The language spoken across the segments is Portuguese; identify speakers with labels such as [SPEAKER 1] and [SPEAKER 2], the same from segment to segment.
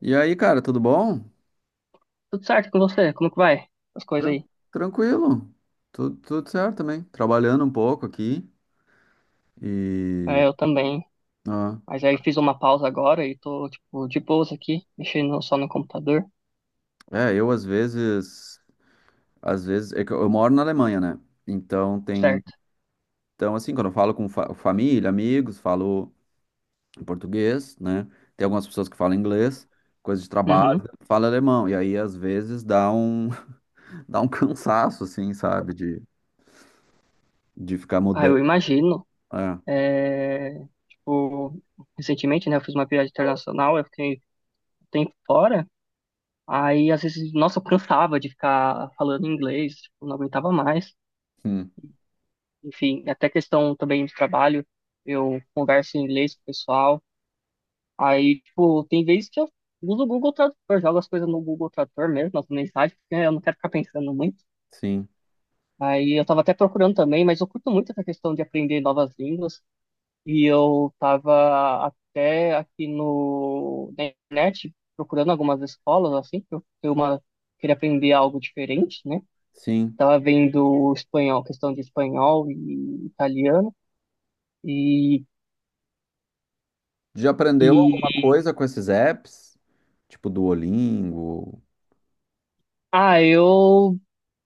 [SPEAKER 1] E aí, cara, tudo bom?
[SPEAKER 2] Tudo certo com você? Como que vai? As coisas
[SPEAKER 1] Tran-
[SPEAKER 2] aí.
[SPEAKER 1] Tranquilo. Tudo certo também. Trabalhando um pouco aqui e
[SPEAKER 2] É, eu também.
[SPEAKER 1] ah,
[SPEAKER 2] Mas aí fiz uma pausa agora e tô, tipo, de boas aqui, mexendo só no computador.
[SPEAKER 1] é, às vezes é que eu moro na Alemanha, né? Então tem,
[SPEAKER 2] Certo.
[SPEAKER 1] então assim, quando eu falo com família, amigos, falo em português, né? Tem algumas pessoas que falam inglês, coisa de
[SPEAKER 2] Uhum.
[SPEAKER 1] trabalho, fala alemão. E aí às vezes dá um dá um cansaço assim, sabe, de ficar
[SPEAKER 2] Ah,
[SPEAKER 1] mudando.
[SPEAKER 2] eu imagino.
[SPEAKER 1] É.
[SPEAKER 2] É, tipo, recentemente, né, eu fiz uma viagem internacional, eu fiquei um tempo fora. Aí, às vezes, nossa, eu cansava de ficar falando inglês, tipo, não aguentava mais.
[SPEAKER 1] Hum,
[SPEAKER 2] Enfim, até questão também de trabalho, eu converso em inglês com o pessoal. Aí, tipo, tem vezes que eu uso o Google Tradutor, jogo as coisas no Google Tradutor mesmo, as mensagens, porque eu não quero ficar pensando muito.
[SPEAKER 1] sim.
[SPEAKER 2] Aí eu tava até procurando também, mas eu curto muito essa questão de aprender novas línguas. E eu tava até aqui no na internet procurando algumas escolas, assim, queria aprender algo diferente, né?
[SPEAKER 1] Sim.
[SPEAKER 2] Tava vendo espanhol, questão de espanhol e italiano. E,
[SPEAKER 1] Já aprendeu alguma
[SPEAKER 2] e
[SPEAKER 1] coisa com esses apps? Tipo Duolingo?
[SPEAKER 2] ah, eu,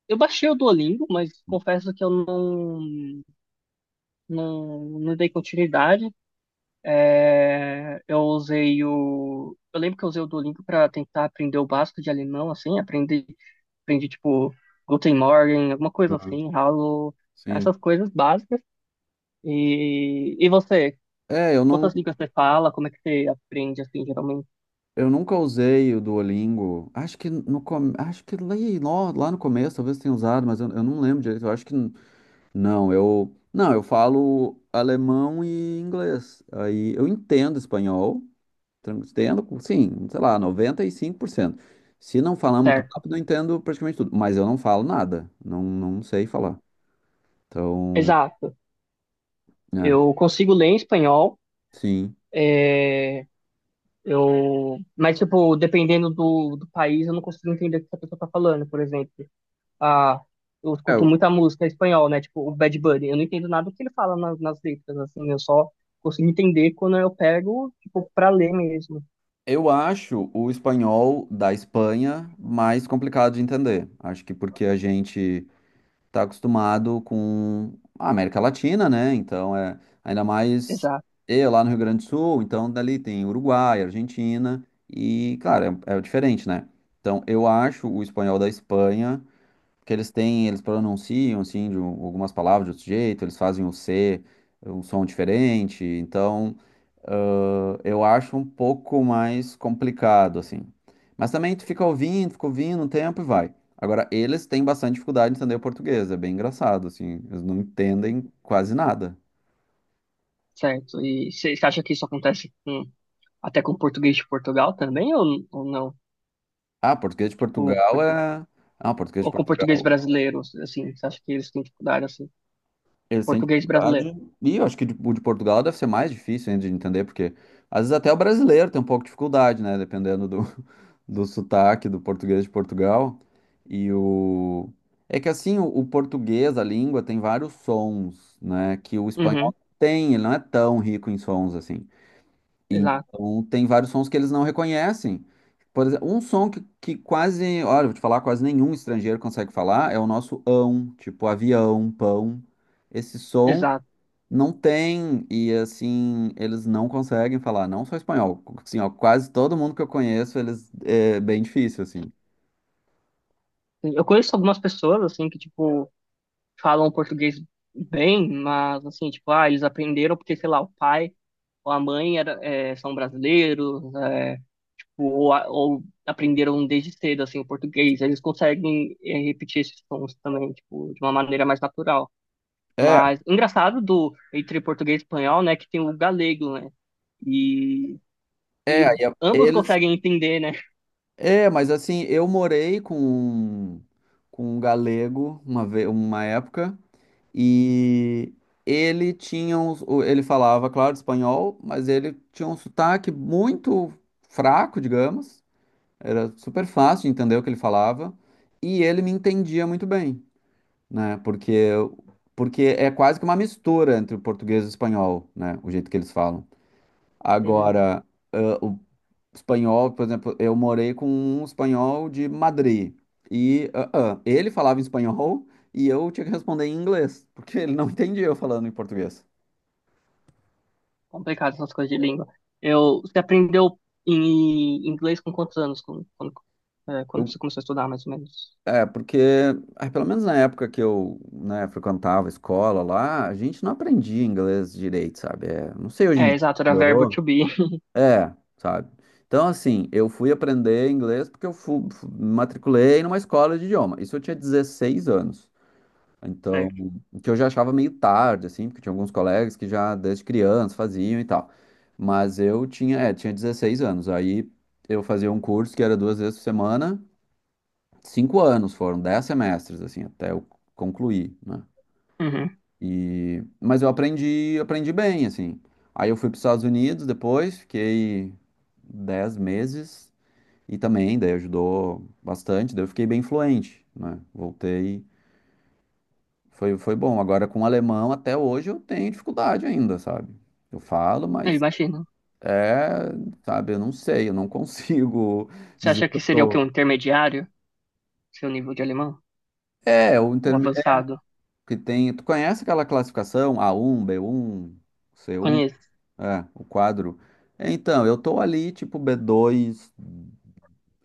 [SPEAKER 2] eu baixei o Duolingo, mas confesso que eu não não dei continuidade. É, eu usei o. Eu lembro que eu usei o Duolingo para tentar aprender o básico de alemão, assim, aprendi, aprendi tipo Guten Morgen, alguma coisa
[SPEAKER 1] Aham,
[SPEAKER 2] assim, Hallo,
[SPEAKER 1] sim.
[SPEAKER 2] essas coisas básicas. E você,
[SPEAKER 1] É, eu não,
[SPEAKER 2] quantas línguas você fala? Como é que você aprende, assim, geralmente?
[SPEAKER 1] eu nunca usei o Duolingo. Acho que no com- acho que lá no começo talvez tenha usado, mas eu não lembro direito. Eu acho que não, eu não, eu falo alemão e inglês. Aí eu entendo espanhol, entendo, sim, sei lá, 95%. Se não falar muito
[SPEAKER 2] Certo.
[SPEAKER 1] rápido, eu entendo praticamente tudo, mas eu não falo nada. Não, não sei falar. Então,
[SPEAKER 2] Exato.
[SPEAKER 1] é,
[SPEAKER 2] Eu consigo ler em espanhol.
[SPEAKER 1] sim.
[SPEAKER 2] Eu, mas, tipo, dependendo do país, eu não consigo entender o que a pessoa tá falando, por exemplo. A. Eu
[SPEAKER 1] É,
[SPEAKER 2] escuto
[SPEAKER 1] Eu
[SPEAKER 2] muita música em espanhol, né? Tipo, o Bad Bunny. Eu não entendo nada do que ele fala nas, nas letras, assim. Eu só consigo entender quando eu pego, tipo, pra ler mesmo.
[SPEAKER 1] eu acho o espanhol da Espanha mais complicado de entender. Acho que porque a gente está acostumado com a América Latina, né? Então é ainda mais
[SPEAKER 2] Exato,
[SPEAKER 1] eu lá no Rio Grande do Sul, então dali tem Uruguai, Argentina e, claro, é, é diferente, né? Então eu acho o espanhol da Espanha. Porque eles pronunciam assim algumas palavras de outro jeito, eles fazem o C, um som diferente, então eu acho um pouco mais complicado assim. Mas também tu fica ouvindo um tempo e vai. Agora, eles têm bastante dificuldade de entender o português, é bem engraçado assim, eles não entendem quase nada.
[SPEAKER 2] certo. E você acha que isso acontece com, até com o português de Portugal também, ou não?
[SPEAKER 1] Ah, português de
[SPEAKER 2] Ou,
[SPEAKER 1] Portugal é. Ah, português de
[SPEAKER 2] ou com o português
[SPEAKER 1] Portugal.
[SPEAKER 2] brasileiro, assim? Você acha que eles têm dificuldade, assim?
[SPEAKER 1] Eles têm
[SPEAKER 2] Português brasileiro.
[SPEAKER 1] dificuldade. E eu acho que o de Portugal deve ser mais difícil ainda de entender, porque às vezes até o brasileiro tem um pouco de dificuldade, né? Dependendo do, do sotaque do português de Portugal. E o. É que assim, o português, a língua, tem vários sons, né? Que o espanhol
[SPEAKER 2] Uhum,
[SPEAKER 1] não tem, ele não é tão rico em sons assim.
[SPEAKER 2] exato,
[SPEAKER 1] Então, tem vários sons que eles não reconhecem. Por exemplo, um som que quase, olha, vou te falar, quase nenhum estrangeiro consegue falar é o nosso ão, tipo avião, pão. Esse som
[SPEAKER 2] exato.
[SPEAKER 1] não tem, e assim, eles não conseguem falar, não só espanhol. Assim, ó, quase todo mundo que eu conheço, eles, é bem difícil, assim.
[SPEAKER 2] Eu conheço algumas pessoas, assim, que, tipo, falam português bem, mas, assim, tipo, ah, eles aprenderam porque, sei lá, o pai ou a mãe era, é, são brasileiros, é, ou, ou aprenderam desde cedo, assim, o português. Eles conseguem é, repetir esses sons também, tipo, de uma maneira mais natural.
[SPEAKER 1] É,
[SPEAKER 2] Mas, engraçado do, entre português e espanhol, né, que tem o galego, né, e, e
[SPEAKER 1] é, aí
[SPEAKER 2] ambos
[SPEAKER 1] eles.
[SPEAKER 2] conseguem entender, né,
[SPEAKER 1] É, mas assim, eu morei com um galego uma, uma época. E ele tinha um, ele falava, claro, espanhol, mas ele tinha um sotaque muito fraco, digamos. Era super fácil de entender o que ele falava. E ele me entendia muito bem, né? Porque, porque é quase que uma mistura entre o português e o espanhol, né? O jeito que eles falam.
[SPEAKER 2] é
[SPEAKER 1] Agora, espanhol, por exemplo, eu morei com um espanhol de Madrid. E ele falava em espanhol e eu tinha que responder em inglês, porque ele não entendia eu falando em português.
[SPEAKER 2] complicado essas coisas de língua. Eu, você aprendeu em inglês com quantos anos, é, quando
[SPEAKER 1] Eu,
[SPEAKER 2] você começou a estudar, mais ou menos?
[SPEAKER 1] é, porque, ah, pelo menos na época que eu, né, frequentava a escola lá, a gente não aprendia inglês direito, sabe? É, não sei hoje em
[SPEAKER 2] É,
[SPEAKER 1] dia.
[SPEAKER 2] exato, era verbo
[SPEAKER 1] Melhorou?
[SPEAKER 2] to be,
[SPEAKER 1] É, sabe? Então, assim, eu fui aprender inglês porque eu fui, matriculei numa escola de idioma. Isso eu tinha 16 anos. Então,
[SPEAKER 2] certo.
[SPEAKER 1] o que eu já achava meio tarde, assim, porque tinha alguns colegas que já desde criança faziam e tal. Mas eu tinha, é, tinha 16 anos. Aí eu fazia um curso que era duas vezes por semana, 5 anos foram, 10 semestres, assim, até eu concluir, né?
[SPEAKER 2] Uhum.
[SPEAKER 1] E, mas eu aprendi, aprendi bem, assim. Aí eu fui para os Estados Unidos depois, fiquei 10 meses e também, daí ajudou bastante, daí eu fiquei bem fluente, né? Voltei. Foi, foi bom. Agora, com o alemão, até hoje eu tenho dificuldade ainda, sabe? Eu falo,
[SPEAKER 2] Eu
[SPEAKER 1] mas
[SPEAKER 2] imagino.
[SPEAKER 1] é, sabe, eu não sei, eu não consigo
[SPEAKER 2] Você
[SPEAKER 1] dizer
[SPEAKER 2] acha
[SPEAKER 1] que
[SPEAKER 2] que
[SPEAKER 1] eu
[SPEAKER 2] seria o quê?
[SPEAKER 1] sou.
[SPEAKER 2] Um intermediário? Seu nível de alemão?
[SPEAKER 1] É,
[SPEAKER 2] Um
[SPEAKER 1] é,
[SPEAKER 2] avançado?
[SPEAKER 1] que tem. Tu conhece aquela classificação a um, b um, c um,
[SPEAKER 2] Conheço,
[SPEAKER 1] é, o quadro. Então, eu tô ali, tipo, b dois,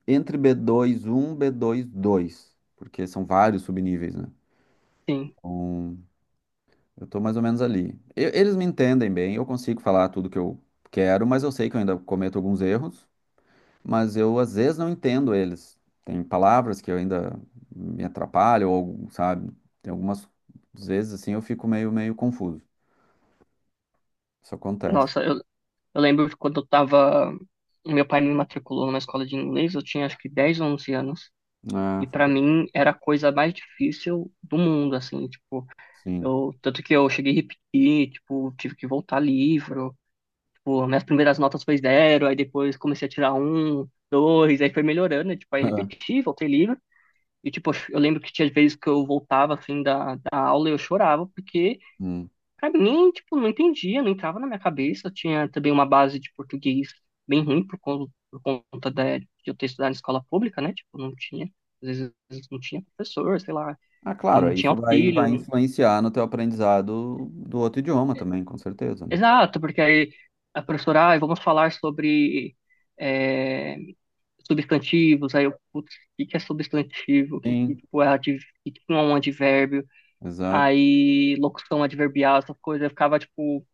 [SPEAKER 1] entre b dois um, b dois dois, porque são vários subníveis, né?
[SPEAKER 2] sim.
[SPEAKER 1] Então, eu tô mais ou menos ali. Eles me entendem bem, eu consigo falar tudo que eu quero, mas eu sei que eu ainda cometo alguns erros, mas eu às vezes não entendo eles. Tem palavras que eu ainda me atrapalho, ou, algo, sabe? Tem algumas às vezes assim eu fico meio confuso. Isso acontece.
[SPEAKER 2] Nossa, eu lembro que quando eu tava. Meu pai me matriculou numa escola de inglês, eu tinha acho que 10 ou 11 anos. E
[SPEAKER 1] Ah, foi
[SPEAKER 2] pra
[SPEAKER 1] bom.
[SPEAKER 2] mim era a coisa mais difícil do mundo, assim, tipo,
[SPEAKER 1] Sim.
[SPEAKER 2] eu, tanto que eu cheguei a repetir, tipo, tive que voltar livro, tipo, minhas primeiras notas foi zero, aí depois comecei a tirar um, dois, aí foi melhorando, né, tipo, aí repeti, voltei livro. E, tipo, eu lembro que tinha vezes que eu voltava, assim, da aula e eu chorava, porque
[SPEAKER 1] Hum.
[SPEAKER 2] pra mim, tipo, não entendia, não entrava na minha cabeça. Eu tinha também uma base de português bem ruim por conta da, de eu ter estudado em escola pública, né? Tipo, não tinha, às vezes não tinha professor, sei lá,
[SPEAKER 1] Ah,
[SPEAKER 2] e
[SPEAKER 1] claro,
[SPEAKER 2] não tinha
[SPEAKER 1] isso vai
[SPEAKER 2] auxílio.
[SPEAKER 1] influenciar no teu aprendizado do outro idioma também, com certeza, né?
[SPEAKER 2] Exato, porque aí a professora, ah, vamos falar sobre é, substantivos, aí eu, putz, o que que é substantivo?
[SPEAKER 1] Sim,
[SPEAKER 2] O que que é um advérbio?
[SPEAKER 1] exato.
[SPEAKER 2] Aí locução adverbial, essas coisas, eu ficava, tipo,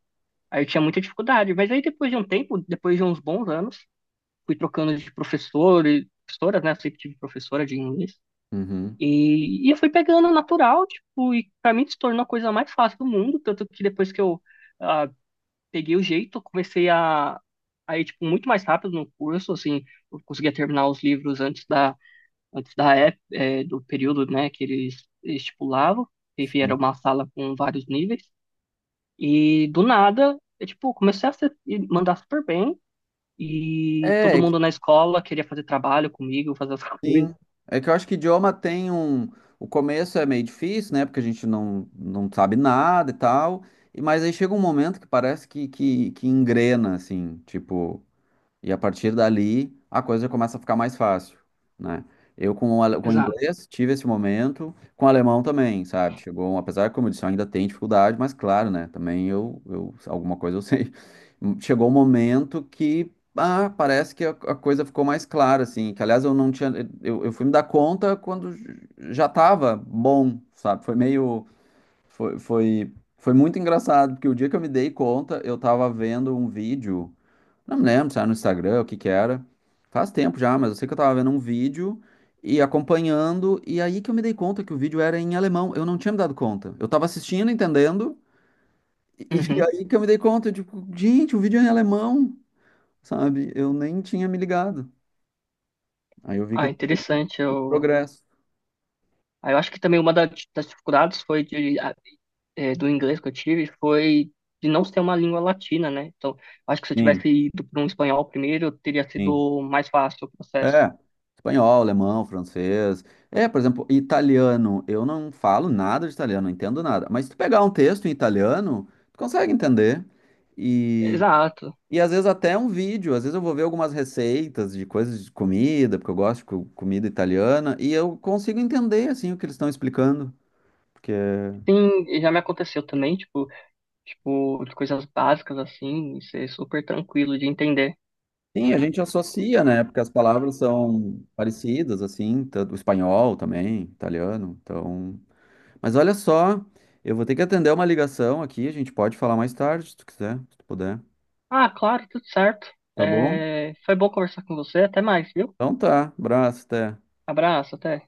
[SPEAKER 2] aí eu tinha muita dificuldade. Mas aí depois de um tempo, depois de uns bons anos, fui trocando de professor e professoras, né? Eu sempre tive professora de inglês.
[SPEAKER 1] Uhum.
[SPEAKER 2] E eu fui pegando natural, tipo, e pra mim se tornou a coisa mais fácil do mundo, tanto que depois que eu ah, peguei o jeito, eu comecei a ir, tipo, muito mais rápido no curso, assim, eu conseguia terminar os livros antes da, do período, né, que eles estipulavam, enfim, era
[SPEAKER 1] Sim.
[SPEAKER 2] uma sala com vários níveis, e do nada, eu, tipo, comecei a mandar super bem. E todo
[SPEAKER 1] É, é
[SPEAKER 2] mundo na escola queria fazer trabalho comigo, fazer as coisas.
[SPEAKER 1] sim. É que eu acho que idioma tem um. O começo é meio difícil, né? Porque a gente não, não sabe nada e tal. E, mas aí chega um momento que parece que engrena, assim. Tipo, e a partir dali, a coisa já começa a ficar mais fácil, né? Eu com o, com o
[SPEAKER 2] Exato.
[SPEAKER 1] inglês tive esse momento, com o alemão também, sabe? Chegou, apesar que, como eu disse, eu ainda tem dificuldade, mas claro, né? Também eu alguma coisa eu sei. Chegou um momento que, ah, parece que a coisa ficou mais clara, assim. Que, aliás, eu não tinha... Eu fui me dar conta quando já tava bom, sabe? Foi meio... Foi muito engraçado, porque o dia que eu me dei conta, eu tava vendo um vídeo... Não me lembro se era no Instagram, o que que era. Faz tempo já, mas eu sei que eu tava vendo um vídeo e acompanhando, e aí que eu me dei conta que o vídeo era em alemão. Eu não tinha me dado conta. Eu tava assistindo, entendendo, e e
[SPEAKER 2] Uhum.
[SPEAKER 1] aí que eu me dei conta, tipo, gente, o vídeo é em alemão, sabe? Eu nem tinha me ligado. Aí eu vi que
[SPEAKER 2] Ah,
[SPEAKER 1] eu tinha feito
[SPEAKER 2] interessante.
[SPEAKER 1] um progresso.
[SPEAKER 2] Eu acho que também das dificuldades foi de do inglês que eu tive foi de não ser uma língua latina, né? Então, eu acho que se eu
[SPEAKER 1] Sim,
[SPEAKER 2] tivesse ido para um espanhol primeiro, teria
[SPEAKER 1] sim.
[SPEAKER 2] sido mais fácil o processo.
[SPEAKER 1] É. Espanhol, alemão, francês. É, por exemplo, italiano. Eu não falo nada de italiano, não entendo nada. Mas se tu pegar um texto em italiano, tu consegue entender. E
[SPEAKER 2] Exato.
[SPEAKER 1] e às vezes até um vídeo, às vezes eu vou ver algumas receitas de coisas de comida, porque eu gosto de comida italiana, e eu consigo entender assim o que eles estão explicando, porque
[SPEAKER 2] Sim, já me aconteceu também, tipo, de coisas básicas assim, e ser super tranquilo de entender.
[SPEAKER 1] sim, a gente associa, né? Porque as palavras são parecidas assim, tanto o espanhol também, italiano. Então, mas olha só, eu vou ter que atender uma ligação aqui, a gente pode falar mais tarde, se tu quiser, se tu puder.
[SPEAKER 2] Ah, claro, tudo certo.
[SPEAKER 1] Tá bom?
[SPEAKER 2] É, foi bom conversar com você. Até mais, viu?
[SPEAKER 1] Então tá, abraço, até.
[SPEAKER 2] Abraço, até.